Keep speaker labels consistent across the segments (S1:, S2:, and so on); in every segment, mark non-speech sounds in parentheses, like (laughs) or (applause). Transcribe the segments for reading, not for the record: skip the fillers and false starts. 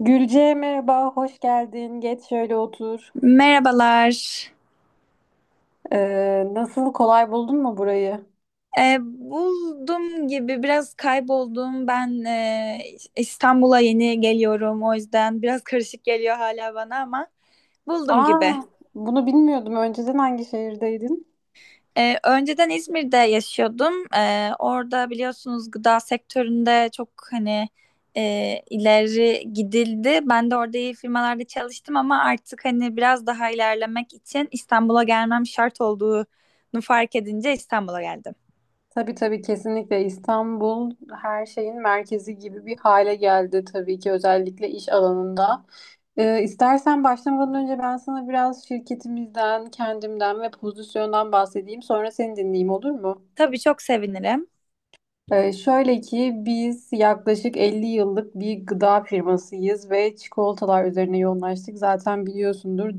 S1: Gülce merhaba, hoş geldin. Geç şöyle otur.
S2: Merhabalar.
S1: Nasıl, kolay buldun mu burayı?
S2: Buldum gibi biraz kayboldum. Ben İstanbul'a yeni geliyorum. O yüzden biraz karışık geliyor hala bana ama buldum gibi.
S1: Aa, bunu bilmiyordum. Önceden hangi şehirdeydin?
S2: Önceden İzmir'de yaşıyordum. Orada biliyorsunuz gıda sektöründe çok hani ileri gidildi. Ben de orada iyi firmalarda çalıştım ama artık hani biraz daha ilerlemek için İstanbul'a gelmem şart olduğunu fark edince İstanbul'a geldim.
S1: Tabii tabii, kesinlikle İstanbul her şeyin merkezi gibi bir hale geldi tabii ki, özellikle iş alanında. İstersen başlamadan önce ben sana biraz şirketimizden, kendimden ve pozisyondan bahsedeyim. Sonra seni dinleyeyim, olur mu?
S2: Tabii çok sevinirim.
S1: Şöyle ki, biz yaklaşık 50 yıllık bir gıda firmasıyız ve çikolatalar üzerine yoğunlaştık. Zaten biliyorsundur,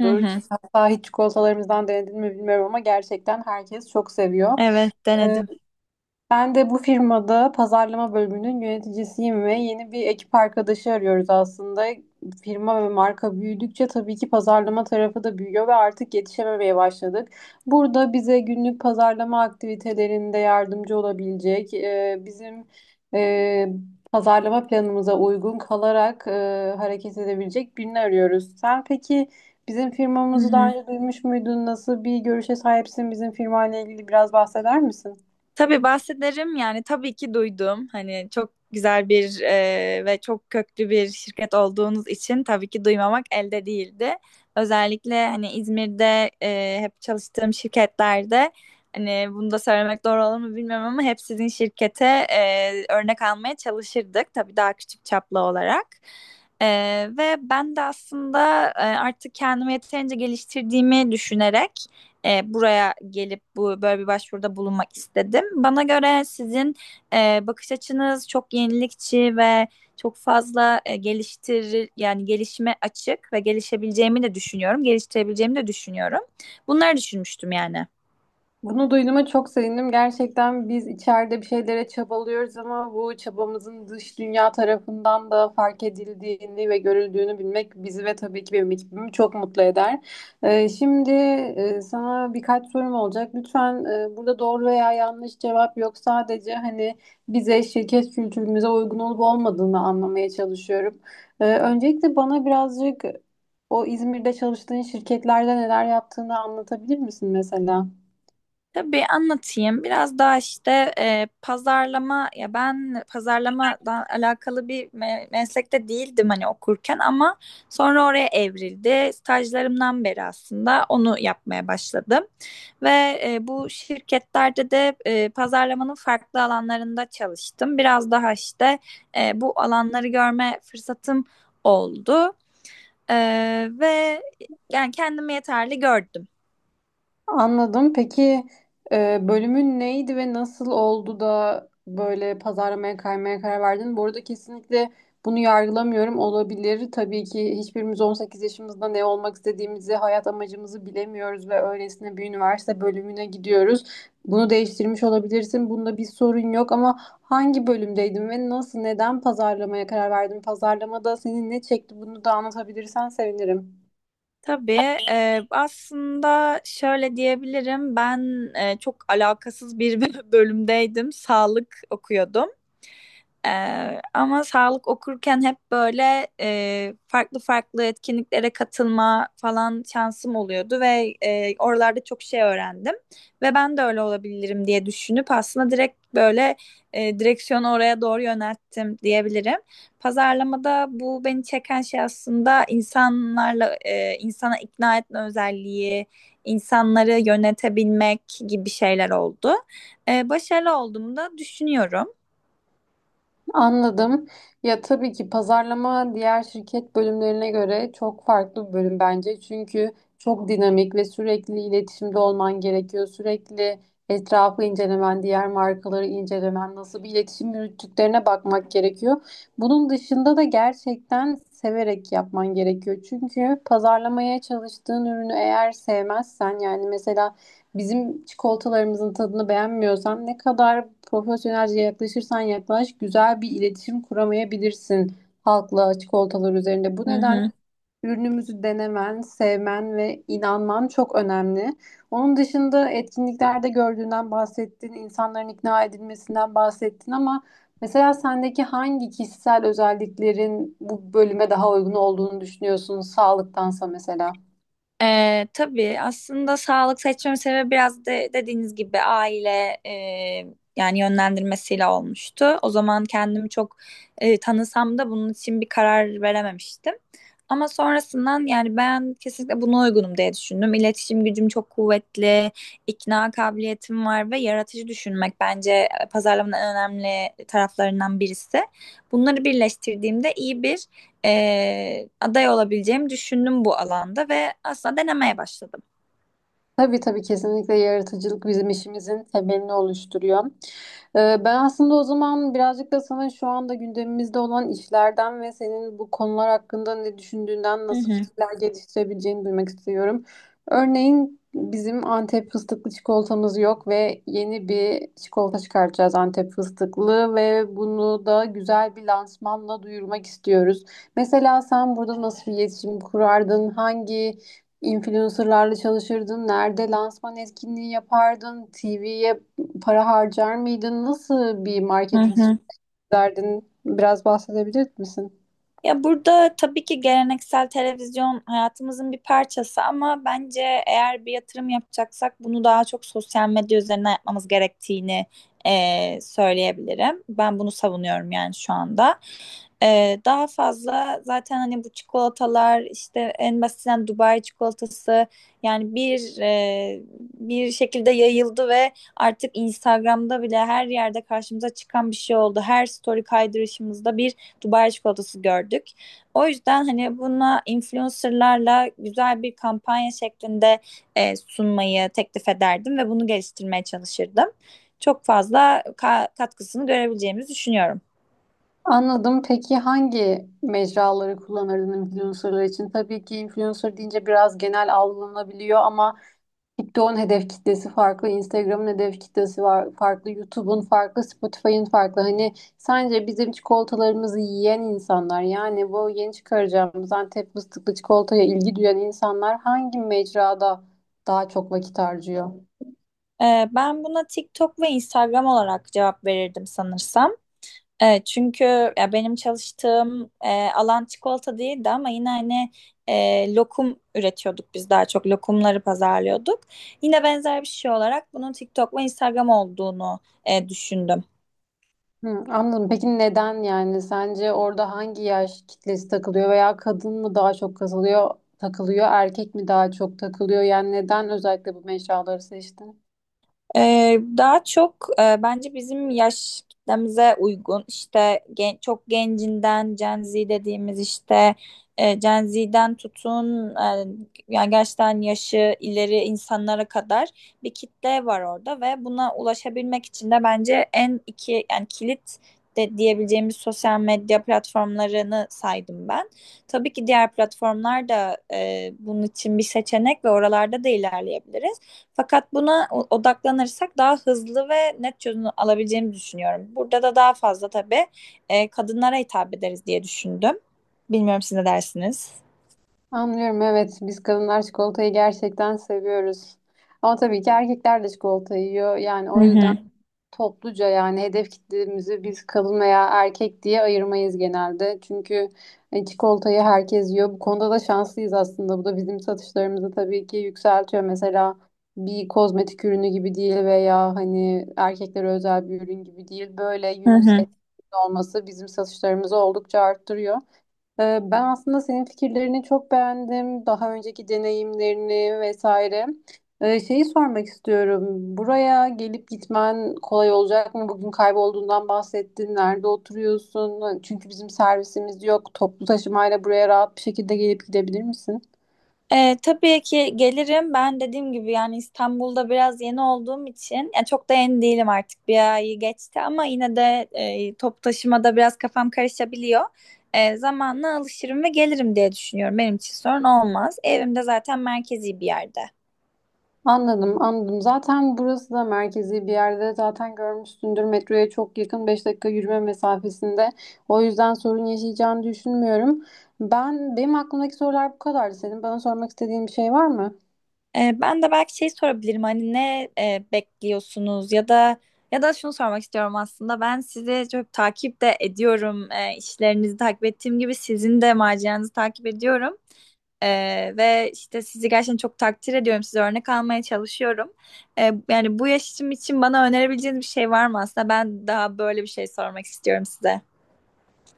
S2: Hı hı.
S1: Hatta hiç çikolatalarımızdan denedin mi bilmiyorum ama gerçekten herkes çok seviyor.
S2: Evet
S1: Ee,
S2: denedim.
S1: Ben de bu firmada pazarlama bölümünün yöneticisiyim ve yeni bir ekip arkadaşı arıyoruz aslında. Firma ve marka büyüdükçe tabii ki pazarlama tarafı da büyüyor ve artık yetişememeye başladık. Burada bize günlük pazarlama aktivitelerinde yardımcı olabilecek, bizim e, pazarlama planımıza uygun kalarak hareket edebilecek birini arıyoruz. Sen peki bizim
S2: Hı
S1: firmamızı daha
S2: hı.
S1: önce duymuş muydun? Nasıl bir görüşe sahipsin? Bizim firmayla ilgili biraz bahseder misin?
S2: Tabii bahsederim, yani tabii ki duydum. Hani çok güzel bir ve çok köklü bir şirket olduğunuz için tabii ki duymamak elde değildi. Özellikle hani İzmir'de hep çalıştığım şirketlerde hani bunu da söylemek doğru olur mu bilmiyorum ama hep sizin şirkete örnek almaya çalışırdık. Tabii daha küçük çaplı olarak. E, Ve ben de aslında artık kendimi yeterince geliştirdiğimi düşünerek buraya gelip bu böyle bir başvuruda bulunmak istedim. Bana göre sizin bakış açınız çok yenilikçi ve çok fazla e, geliştir yani gelişime açık ve gelişebileceğimi de düşünüyorum, geliştirebileceğimi de düşünüyorum. Bunları düşünmüştüm yani.
S1: Bunu duyduğuma çok sevindim. Gerçekten biz içeride bir şeylere çabalıyoruz ama bu çabamızın dış dünya tarafından da fark edildiğini ve görüldüğünü bilmek bizi ve tabii ki benim ekibimi çok mutlu eder. Şimdi sana birkaç sorum olacak. Lütfen, burada doğru veya yanlış cevap yok. Sadece hani bize, şirket kültürümüze uygun olup olmadığını anlamaya çalışıyorum. Öncelikle bana birazcık o İzmir'de çalıştığın şirketlerde neler yaptığını anlatabilir misin mesela?
S2: Tabii anlatayım. Biraz daha işte pazarlama ya, ben pazarlamadan alakalı bir meslekte değildim hani okurken ama sonra oraya evrildi. Stajlarımdan beri aslında onu yapmaya başladım. Ve bu şirketlerde de pazarlamanın farklı alanlarında çalıştım. Biraz daha işte bu alanları görme fırsatım oldu. E, Ve yani kendimi yeterli gördüm.
S1: Anladım. Peki bölümün neydi ve nasıl oldu da böyle pazarlamaya kaymaya karar verdin? Bu arada kesinlikle bunu yargılamıyorum. Olabilir. Tabii ki hiçbirimiz 18 yaşımızda ne olmak istediğimizi, hayat amacımızı bilemiyoruz ve öylesine bir üniversite bölümüne gidiyoruz. Bunu değiştirmiş olabilirsin. Bunda bir sorun yok ama hangi bölümdeydin ve nasıl, neden pazarlamaya karar verdin? Pazarlamada seni ne çekti? Bunu da anlatabilirsen sevinirim.
S2: Tabii aslında şöyle diyebilirim, ben çok alakasız bir (laughs) bölümdeydim, sağlık okuyordum, ama sağlık okurken hep böyle farklı farklı etkinliklere katılma falan şansım oluyordu ve oralarda çok şey öğrendim ve ben de öyle olabilirim diye düşünüp aslında direkt böyle direksiyonu oraya doğru yönelttim diyebilirim. Pazarlamada bu beni çeken şey aslında insanlarla insana ikna etme özelliği, insanları yönetebilmek gibi şeyler oldu. Başarılı olduğumu da düşünüyorum.
S1: Anladım. Ya tabii ki pazarlama diğer şirket bölümlerine göre çok farklı bir bölüm bence. Çünkü çok dinamik ve sürekli iletişimde olman gerekiyor. Sürekli etrafı incelemen, diğer markaları incelemen, nasıl bir iletişim yürüttüklerine bakmak gerekiyor. Bunun dışında da gerçekten severek yapman gerekiyor. Çünkü pazarlamaya çalıştığın ürünü eğer sevmezsen, yani mesela bizim çikolatalarımızın tadını beğenmiyorsan ne kadar profesyonelce yaklaşırsan yaklaş, güzel bir iletişim kuramayabilirsin halkla çikolatalar üzerinde. Bu
S2: Hı
S1: nedenle
S2: hı.
S1: ürünümüzü denemen, sevmen ve inanman çok önemli. Onun dışında etkinliklerde gördüğünden bahsettin, insanların ikna edilmesinden bahsettin ama mesela sendeki hangi kişisel özelliklerin bu bölüme daha uygun olduğunu düşünüyorsun sağlıktansa mesela?
S2: Tabii aslında sağlık seçmemin sebebi biraz de, dediğiniz gibi aile yani yönlendirmesiyle olmuştu. O zaman kendimi çok tanısam da bunun için bir karar verememiştim. Ama sonrasından, yani ben kesinlikle buna uygunum diye düşündüm. İletişim gücüm çok kuvvetli, ikna kabiliyetim var ve yaratıcı düşünmek bence pazarlamanın en önemli taraflarından birisi. Bunları birleştirdiğimde iyi bir aday olabileceğimi düşündüm bu alanda ve aslında denemeye başladım.
S1: Tabii tabii, kesinlikle yaratıcılık bizim işimizin temelini oluşturuyor. Ben aslında o zaman birazcık da sana şu anda gündemimizde olan işlerden ve senin bu konular hakkında ne düşündüğünden,
S2: Hı
S1: nasıl
S2: hı.
S1: fikirler geliştirebileceğini duymak istiyorum. Örneğin bizim Antep fıstıklı çikolatamız yok ve yeni bir çikolata çıkartacağız Antep fıstıklı, ve bunu da güzel bir lansmanla duyurmak istiyoruz. Mesela sen burada nasıl bir iletişim kurardın? Hangi İnfluencerlarla çalışırdın? Nerede lansman etkinliği yapardın? TV'ye para harcar mıydın? Nasıl bir
S2: Hı
S1: marketing
S2: hı.
S1: sürdürdün? Biraz bahsedebilir misin?
S2: Ya burada tabii ki geleneksel televizyon hayatımızın bir parçası ama bence eğer bir yatırım yapacaksak bunu daha çok sosyal medya üzerinden yapmamız gerektiğini söyleyebilirim. Ben bunu savunuyorum yani şu anda. Daha fazla zaten hani bu çikolatalar işte en basitinden Dubai çikolatası yani bir şekilde yayıldı ve artık Instagram'da bile her yerde karşımıza çıkan bir şey oldu. Her story kaydırışımızda bir Dubai çikolatası gördük. O yüzden hani buna influencerlarla güzel bir kampanya şeklinde sunmayı teklif ederdim ve bunu geliştirmeye çalışırdım. Çok fazla katkısını görebileceğimizi düşünüyorum.
S1: Anladım. Peki hangi mecraları kullanırdın influencerlar için? Tabii ki influencer deyince biraz genel algılanabiliyor ama TikTok'un hedef kitlesi farklı, Instagram'ın hedef kitlesi var, farklı, YouTube'un farklı, Spotify'ın farklı. Hani sence bizim çikolatalarımızı yiyen insanlar, yani bu yeni çıkaracağımız Antep fıstıklı çikolataya ilgi duyan insanlar hangi mecrada daha çok vakit harcıyor?
S2: Ben buna TikTok ve Instagram olarak cevap verirdim sanırsam. Çünkü ya benim çalıştığım alan çikolata değildi ama yine hani lokum üretiyorduk, biz daha çok lokumları pazarlıyorduk. Yine benzer bir şey olarak bunun TikTok ve Instagram olduğunu düşündüm.
S1: Hı, anladım. Peki neden yani? Sence orada hangi yaş kitlesi takılıyor, veya kadın mı daha çok kazılıyor, takılıyor, erkek mi daha çok takılıyor? Yani neden özellikle bu mecraları seçtin?
S2: Daha çok bence bizim yaş kitlemize uygun işte çok gencinden Gen Z dediğimiz işte Gen Z'den tutun yani gerçekten yaşı ileri insanlara kadar bir kitle var orada ve buna ulaşabilmek için de bence en iki, yani kilit de diyebileceğimiz sosyal medya platformlarını saydım ben. Tabii ki diğer platformlar da bunun için bir seçenek ve oralarda da ilerleyebiliriz. Fakat buna odaklanırsak daha hızlı ve net çözüm alabileceğimizi düşünüyorum. Burada da daha fazla tabii kadınlara hitap ederiz diye düşündüm. Bilmiyorum, siz ne dersiniz?
S1: Anlıyorum, evet, biz kadınlar çikolatayı gerçekten seviyoruz. Ama tabii ki erkekler de çikolata yiyor. Yani
S2: Hı
S1: o yüzden
S2: hı.
S1: topluca, yani hedef kitlemizi biz kadın veya erkek diye ayırmayız genelde. Çünkü çikolatayı herkes yiyor. Bu konuda da şanslıyız aslında. Bu da bizim satışlarımızı tabii ki yükseltiyor. Mesela bir kozmetik ürünü gibi değil, veya hani erkeklere özel bir ürün gibi değil. Böyle
S2: Hı
S1: unisex
S2: hı.
S1: olması bizim satışlarımızı oldukça arttırıyor. Ben aslında senin fikirlerini çok beğendim. Daha önceki deneyimlerini vesaire. Şeyi sormak istiyorum. Buraya gelip gitmen kolay olacak mı? Bugün kaybolduğundan bahsettin. Nerede oturuyorsun? Çünkü bizim servisimiz yok. Toplu taşımayla buraya rahat bir şekilde gelip gidebilir misin?
S2: Tabii ki gelirim. Ben dediğim gibi yani İstanbul'da biraz yeni olduğum için, ya çok da yeni değilim artık. Bir ayı geçti ama yine de top taşımada biraz kafam karışabiliyor. Zamanla alışırım ve gelirim diye düşünüyorum. Benim için sorun olmaz. Evim de zaten merkezi bir yerde.
S1: Anladım, anladım. Zaten burası da merkezi bir yerde. Zaten görmüşsündür, metroya çok yakın, 5 dakika yürüme mesafesinde. O yüzden sorun yaşayacağını düşünmüyorum. Ben, benim aklımdaki sorular bu kadardı. Senin bana sormak istediğin bir şey var mı?
S2: Ben de belki şey sorabilirim, hani ne bekliyorsunuz, ya da şunu sormak istiyorum aslında, ben sizi çok takip de ediyorum. İşlerinizi takip ettiğim gibi sizin de maceranızı takip ediyorum. Ve işte sizi gerçekten çok takdir ediyorum, size örnek almaya çalışıyorum. Yani bu yaşım için bana önerebileceğiniz bir şey var mı, aslında ben daha böyle bir şey sormak istiyorum size.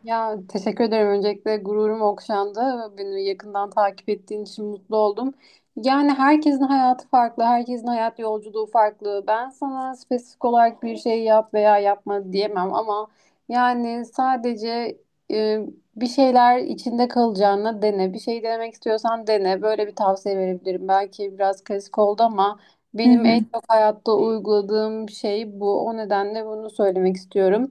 S1: Ya teşekkür ederim. Öncelikle gururum okşandı. Beni yakından takip ettiğin için mutlu oldum. Yani herkesin hayatı farklı, herkesin hayat yolculuğu farklı. Ben sana spesifik olarak bir şey yap veya yapma diyemem ama yani sadece e, bir şeyler içinde kalacağına dene. Bir şey denemek istiyorsan dene. Böyle bir tavsiye verebilirim. Belki biraz klasik oldu ama
S2: Hı
S1: benim en
S2: hı.
S1: çok hayatta uyguladığım şey bu. O nedenle bunu söylemek istiyorum.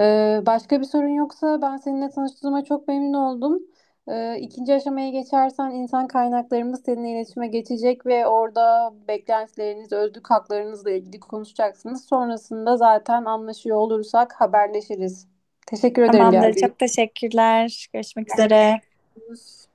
S1: Başka bir sorun yoksa ben seninle tanıştığıma çok memnun oldum. İkinci aşamaya geçersen insan kaynaklarımız seninle iletişime geçecek ve orada beklentileriniz, özlük haklarınızla ilgili konuşacaksınız. Sonrasında zaten anlaşıyor olursak haberleşiriz. Teşekkür ederim
S2: Tamamdır.
S1: geldiğiniz
S2: Çok teşekkürler. Görüşmek
S1: için.
S2: üzere.
S1: Görüşürüz.